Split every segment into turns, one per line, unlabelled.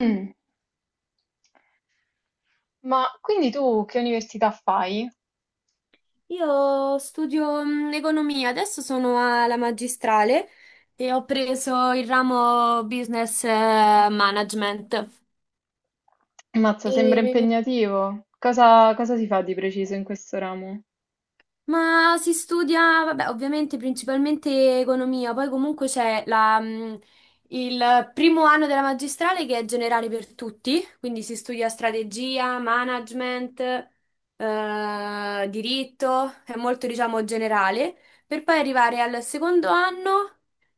Mh. Ma quindi tu che università fai?
Io studio economia, adesso sono alla magistrale e ho preso il ramo business management.
Ammazza, sembra
E
impegnativo. Cosa si fa di preciso in questo ramo?
Ma si studia, vabbè, ovviamente principalmente economia, poi comunque c'è il primo anno della magistrale che è generale per tutti, quindi si studia strategia, management, diritto, è molto diciamo generale, per poi arrivare al secondo anno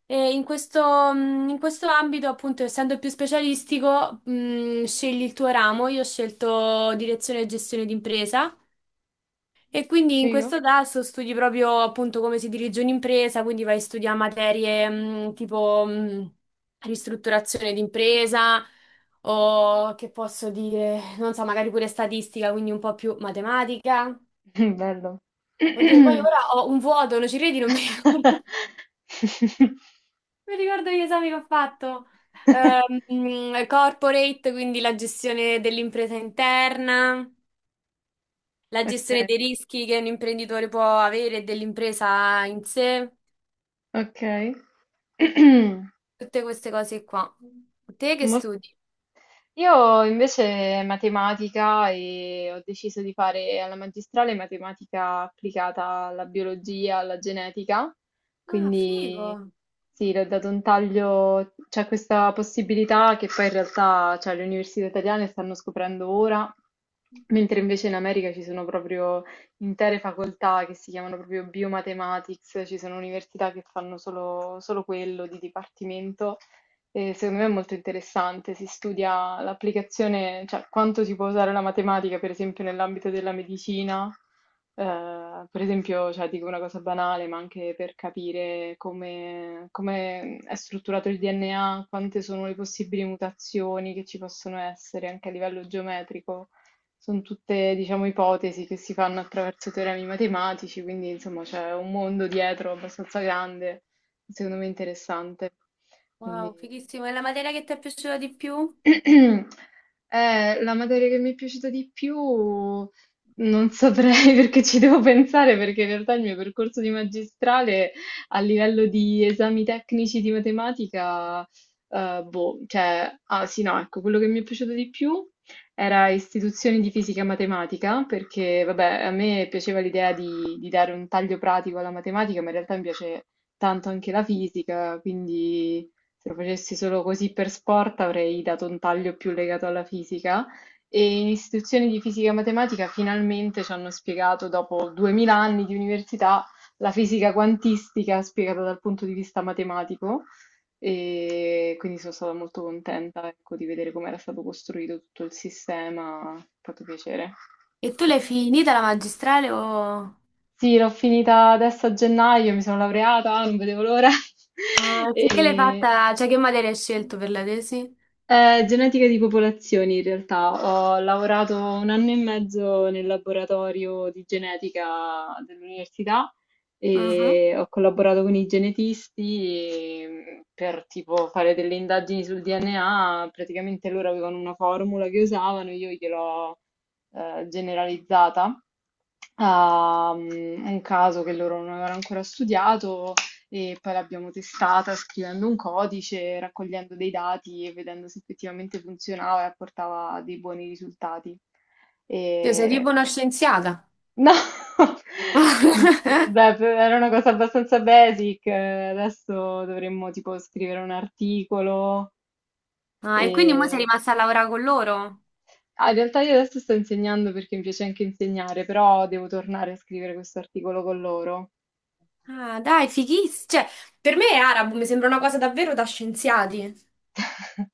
e in questo ambito appunto essendo più specialistico, scegli il tuo ramo, io ho scelto direzione e gestione d'impresa. E quindi in
Figo?
questo tasso studi proprio appunto come si dirige un'impresa, quindi vai a studiare materie tipo ristrutturazione d'impresa o che posso dire, non so, magari pure statistica, quindi un po' più matematica.
Bello.
Oddio, poi ora ho un vuoto, non ci credi, non mi ricordo, non mi ricordo gli esami che ho fatto. Corporate, quindi la gestione dell'impresa interna, la gestione
Ok,
dei rischi che un imprenditore può avere e dell'impresa in sé.
ok.
Tutte queste cose qua. Te che
Molto
studi?
Io invece matematica e ho deciso di fare alla magistrale matematica applicata alla biologia, alla genetica,
Ah, figo.
quindi sì, le ho dato un taglio, c'è questa possibilità che poi in realtà cioè, le università italiane stanno scoprendo ora, mentre invece in America ci sono proprio intere facoltà che si chiamano proprio biomathematics, ci sono università che fanno solo quello di dipartimento. E secondo me è molto interessante, si studia l'applicazione, cioè quanto si può usare la matematica, per esempio, nell'ambito della medicina, per esempio, cioè, dico una cosa banale, ma anche per capire come è strutturato il DNA, quante sono le possibili mutazioni che ci possono essere anche a livello geometrico. Sono tutte, diciamo, ipotesi che si fanno attraverso teoremi matematici, quindi insomma c'è un mondo dietro abbastanza grande, secondo me interessante. Quindi
Wow, fighissimo. E la materia che ti è piaciuta di più?
La materia che mi è piaciuta di più non saprei perché ci devo pensare, perché in realtà il mio percorso di magistrale a livello di esami tecnici di matematica, boh, cioè, ah sì, no, ecco, quello che mi è piaciuto di più era istituzioni di fisica matematica, perché vabbè, a me piaceva l'idea di dare un taglio pratico alla matematica, ma in realtà mi piace tanto anche la fisica, quindi se lo facessi solo così per sport avrei dato un taglio più legato alla fisica e in istituzioni di fisica e matematica finalmente ci hanno spiegato, dopo 2000 anni di università, la fisica quantistica spiegata dal punto di vista matematico e quindi sono stata molto contenta, ecco, di vedere come era stato costruito tutto il sistema, è fatto piacere.
E tu l'hai finita la magistrale o...
Sì, l'ho finita adesso a gennaio, mi sono laureata, non vedevo l'ora.
Ah, tu che l'hai
E...
fatta? Cioè, che materia hai scelto per la tesi?
Genetica di popolazioni, in realtà. Ho lavorato 1 anno e mezzo nel laboratorio di genetica dell'università
Mhm.
e ho collaborato con i genetisti e, per tipo fare delle indagini sul DNA. Praticamente loro avevano una formula che usavano, io gliel'ho generalizzata a un caso che loro non avevano ancora studiato e poi l'abbiamo testata scrivendo un codice, raccogliendo dei dati e vedendo se effettivamente funzionava e apportava dei buoni risultati.
Io sei tipo
E...
una scienziata.
No, vabbè, era una cosa abbastanza basic, adesso dovremmo tipo scrivere un articolo.
Ah, e quindi mo sei
e...
rimasta a lavorare con loro?
Ah, in realtà io adesso sto insegnando perché mi piace anche insegnare, però devo tornare a scrivere questo articolo con loro.
Ah, dai, fighissimo. Cioè, per me è arabo, mi sembra una cosa davvero da scienziati.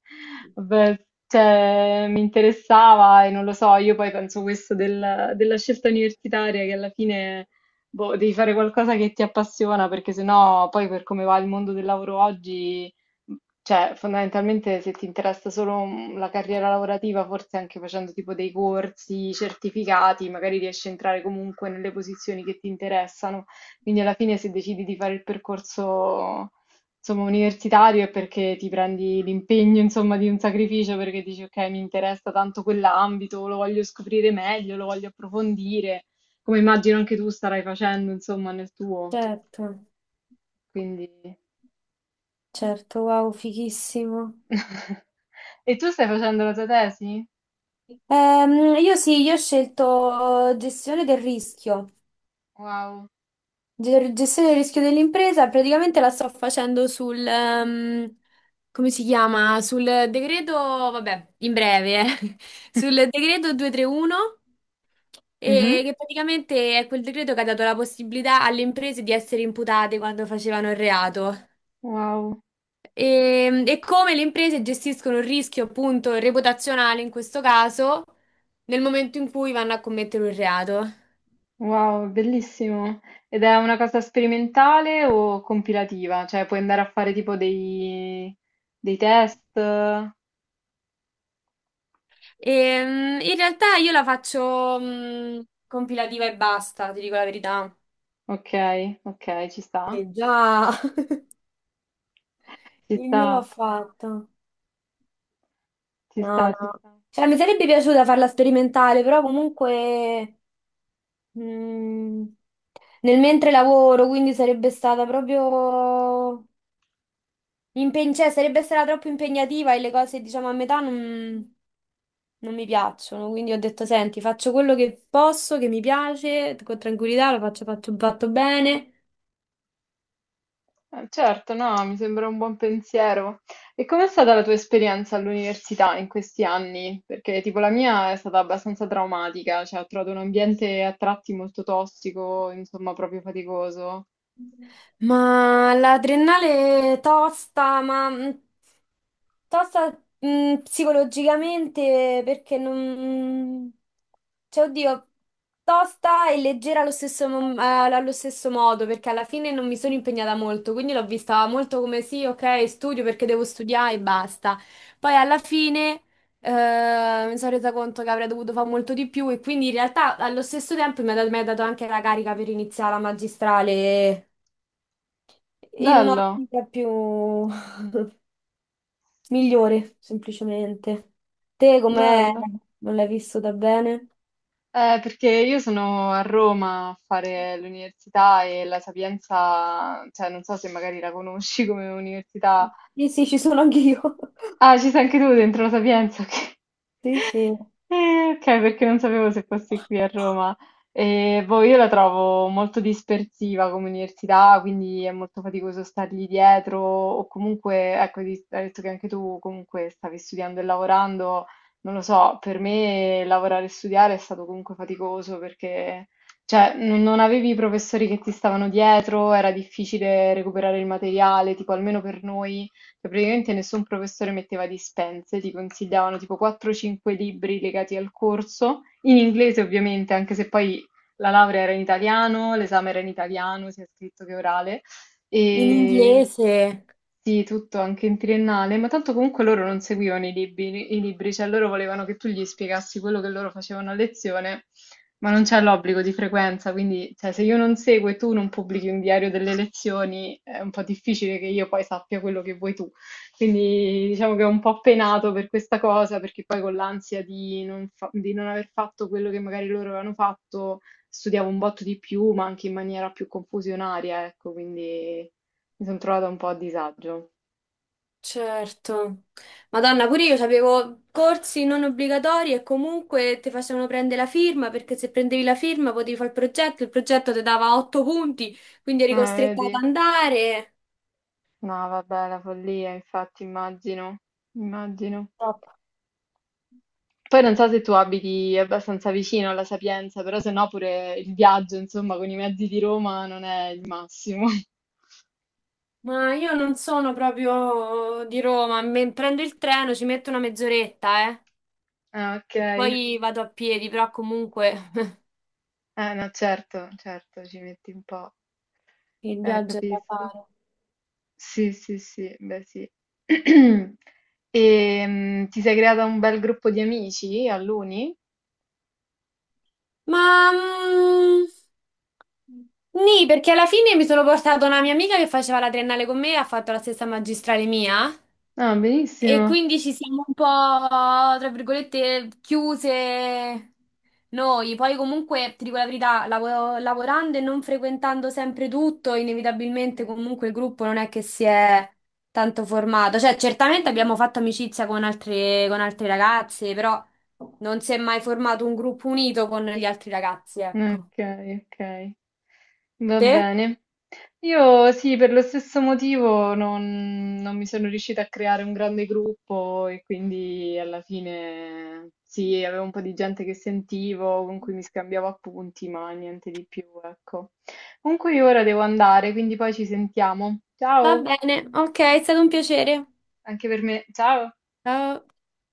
Vabbè, cioè, mi interessava e non lo so, io poi penso questo della scelta universitaria che alla fine boh, devi fare qualcosa che ti appassiona perché sennò poi per come va il mondo del lavoro oggi, cioè fondamentalmente se ti interessa solo la carriera lavorativa, forse anche facendo tipo dei corsi certificati, magari riesci a entrare comunque nelle posizioni che ti interessano. Quindi alla fine se decidi di fare il percorso, insomma, universitario è perché ti prendi l'impegno, insomma, di un sacrificio perché dici, ok, mi interessa tanto quell'ambito, lo voglio scoprire meglio, lo voglio approfondire, come immagino anche tu starai facendo, insomma, nel tuo.
Certo,
Quindi...
certo, wow, fighissimo.
E tu stai facendo la tua tesi?
Io sì, io ho scelto gestione del rischio.
Wow.
Gestione del rischio dell'impresa, praticamente la sto facendo come si chiama? Sul decreto, vabbè, in breve, eh. Sul decreto 231,
Mhm.
e che praticamente è quel decreto che ha dato la possibilità alle imprese di essere imputate quando facevano il reato.
Wow,
E come le imprese gestiscono il rischio appunto reputazionale in questo caso nel momento in cui vanno a commettere un reato.
wow, bellissimo. Ed è una cosa sperimentale o compilativa? Cioè, puoi andare a fare tipo dei test?
In realtà io la faccio compilativa e basta, ti dico la verità.
Ok, ok, ci sta.
Eh già,
Ci
il mio l'ho
sta,
fatto.
ci
No,
sta, ci
no.
sta.
Cioè, mi sarebbe piaciuta farla sperimentale, però comunque mh, nel mentre lavoro, quindi sarebbe stata proprio cioè, sarebbe stata troppo impegnativa e le cose, diciamo, a metà non, non mi piacciono. Quindi ho detto, senti, faccio quello che posso, che mi piace, con tranquillità, lo faccio, faccio fatto bene.
Certo, no, mi sembra un buon pensiero. E com'è stata la tua esperienza all'università in questi anni? Perché tipo la mia è stata abbastanza traumatica, cioè ho trovato un ambiente a tratti molto tossico, insomma, proprio faticoso.
Ma la triennale è tosta, ma tosta psicologicamente perché non... Cioè, oddio, tosta e leggera allo stesso modo, perché alla fine non mi sono impegnata molto, quindi l'ho vista molto come sì, ok, studio perché devo studiare e basta. Poi alla fine mi sono resa conto che avrei dovuto fare molto di più e quindi in realtà allo stesso tempo mi ha dato anche la carica per iniziare la magistrale in
Bello,
un'ottica più migliore, semplicemente. Te com'è?
bello.
Non l'hai vissuta bene?
Perché io sono a Roma a fare l'università e la Sapienza, cioè non so se magari la conosci come università.
Sì, sì, ci sono anch'io.
Ah, ci sei anche tu dentro la Sapienza, ok.
Sì, sì.
Ok, perché non sapevo se fossi qui a Roma. Boh, io la trovo molto dispersiva come università, quindi è molto faticoso stargli dietro, o comunque, ecco, hai detto che anche tu comunque stavi studiando e lavorando, non lo so, per me lavorare e studiare è stato comunque faticoso perché, cioè, non avevi i professori che ti stavano dietro, era difficile recuperare il materiale, tipo almeno per noi. Cioè, praticamente nessun professore metteva dispense, ti consigliavano tipo 4-5 libri legati al corso, in inglese ovviamente, anche se poi la laurea era in italiano, l'esame era in italiano, sia scritto che orale,
In
e
inglese,
sì, tutto anche in triennale, ma tanto comunque loro non seguivano i libri, cioè loro volevano che tu gli spiegassi quello che loro facevano a lezione, ma non c'è l'obbligo di frequenza, quindi cioè, se io non seguo e tu non pubblichi un diario delle lezioni, è un po' difficile che io poi sappia quello che vuoi tu. Quindi diciamo che è un po' penato per questa cosa, perché poi con l'ansia di non fa- di non aver fatto quello che magari loro avevano fatto studiavo un botto di più, ma anche in maniera più confusionaria, ecco, quindi mi sono trovata un po' a disagio.
certo. Madonna, pure io avevo corsi non obbligatori e comunque ti facevano prendere la firma perché se prendevi la firma potevi fare il progetto ti dava otto punti, quindi eri costretta ad
Vedi?
andare.
No, vabbè, la follia, infatti, immagino, immagino.
Top.
Poi non so se tu abiti abbastanza vicino alla Sapienza, però se no pure il viaggio, insomma, con i mezzi di Roma non è il massimo.
Ma io non sono proprio di Roma, prendo il treno, ci metto una mezz'oretta,
Ah, ok.
e poi vado a piedi, però comunque
No, certo, certo, ci metti un po'.
il viaggio è da
Capisco.
fare.
Sì, sì, sì, beh sì. E ti sei creata un bel gruppo di amici all'uni?
Ma nì, perché alla fine mi sono portata una mia amica che faceva la triennale con me e ha fatto la stessa magistrale mia.
Ah,
E
benissimo.
quindi ci siamo un po', tra virgolette, chiuse noi. Poi comunque, ti dico la verità, lavorando e non frequentando sempre tutto, inevitabilmente
Certo.
comunque il gruppo non è che si è tanto formato. Cioè, certamente abbiamo fatto amicizia con altre ragazze, però non si è mai formato un gruppo unito con gli altri ragazzi, ecco.
Ok, ok. Va
Te?
bene. Io sì, per lo stesso motivo non mi sono riuscita a creare un grande gruppo e quindi alla fine sì, avevo un po' di gente che sentivo, con cui mi scambiavo appunti, ma niente di più, ecco. Comunque io ora devo andare, quindi poi ci sentiamo.
Va
Ciao!
bene, ok, è stato un piacere.
Anche per me. Ciao.
Ciao.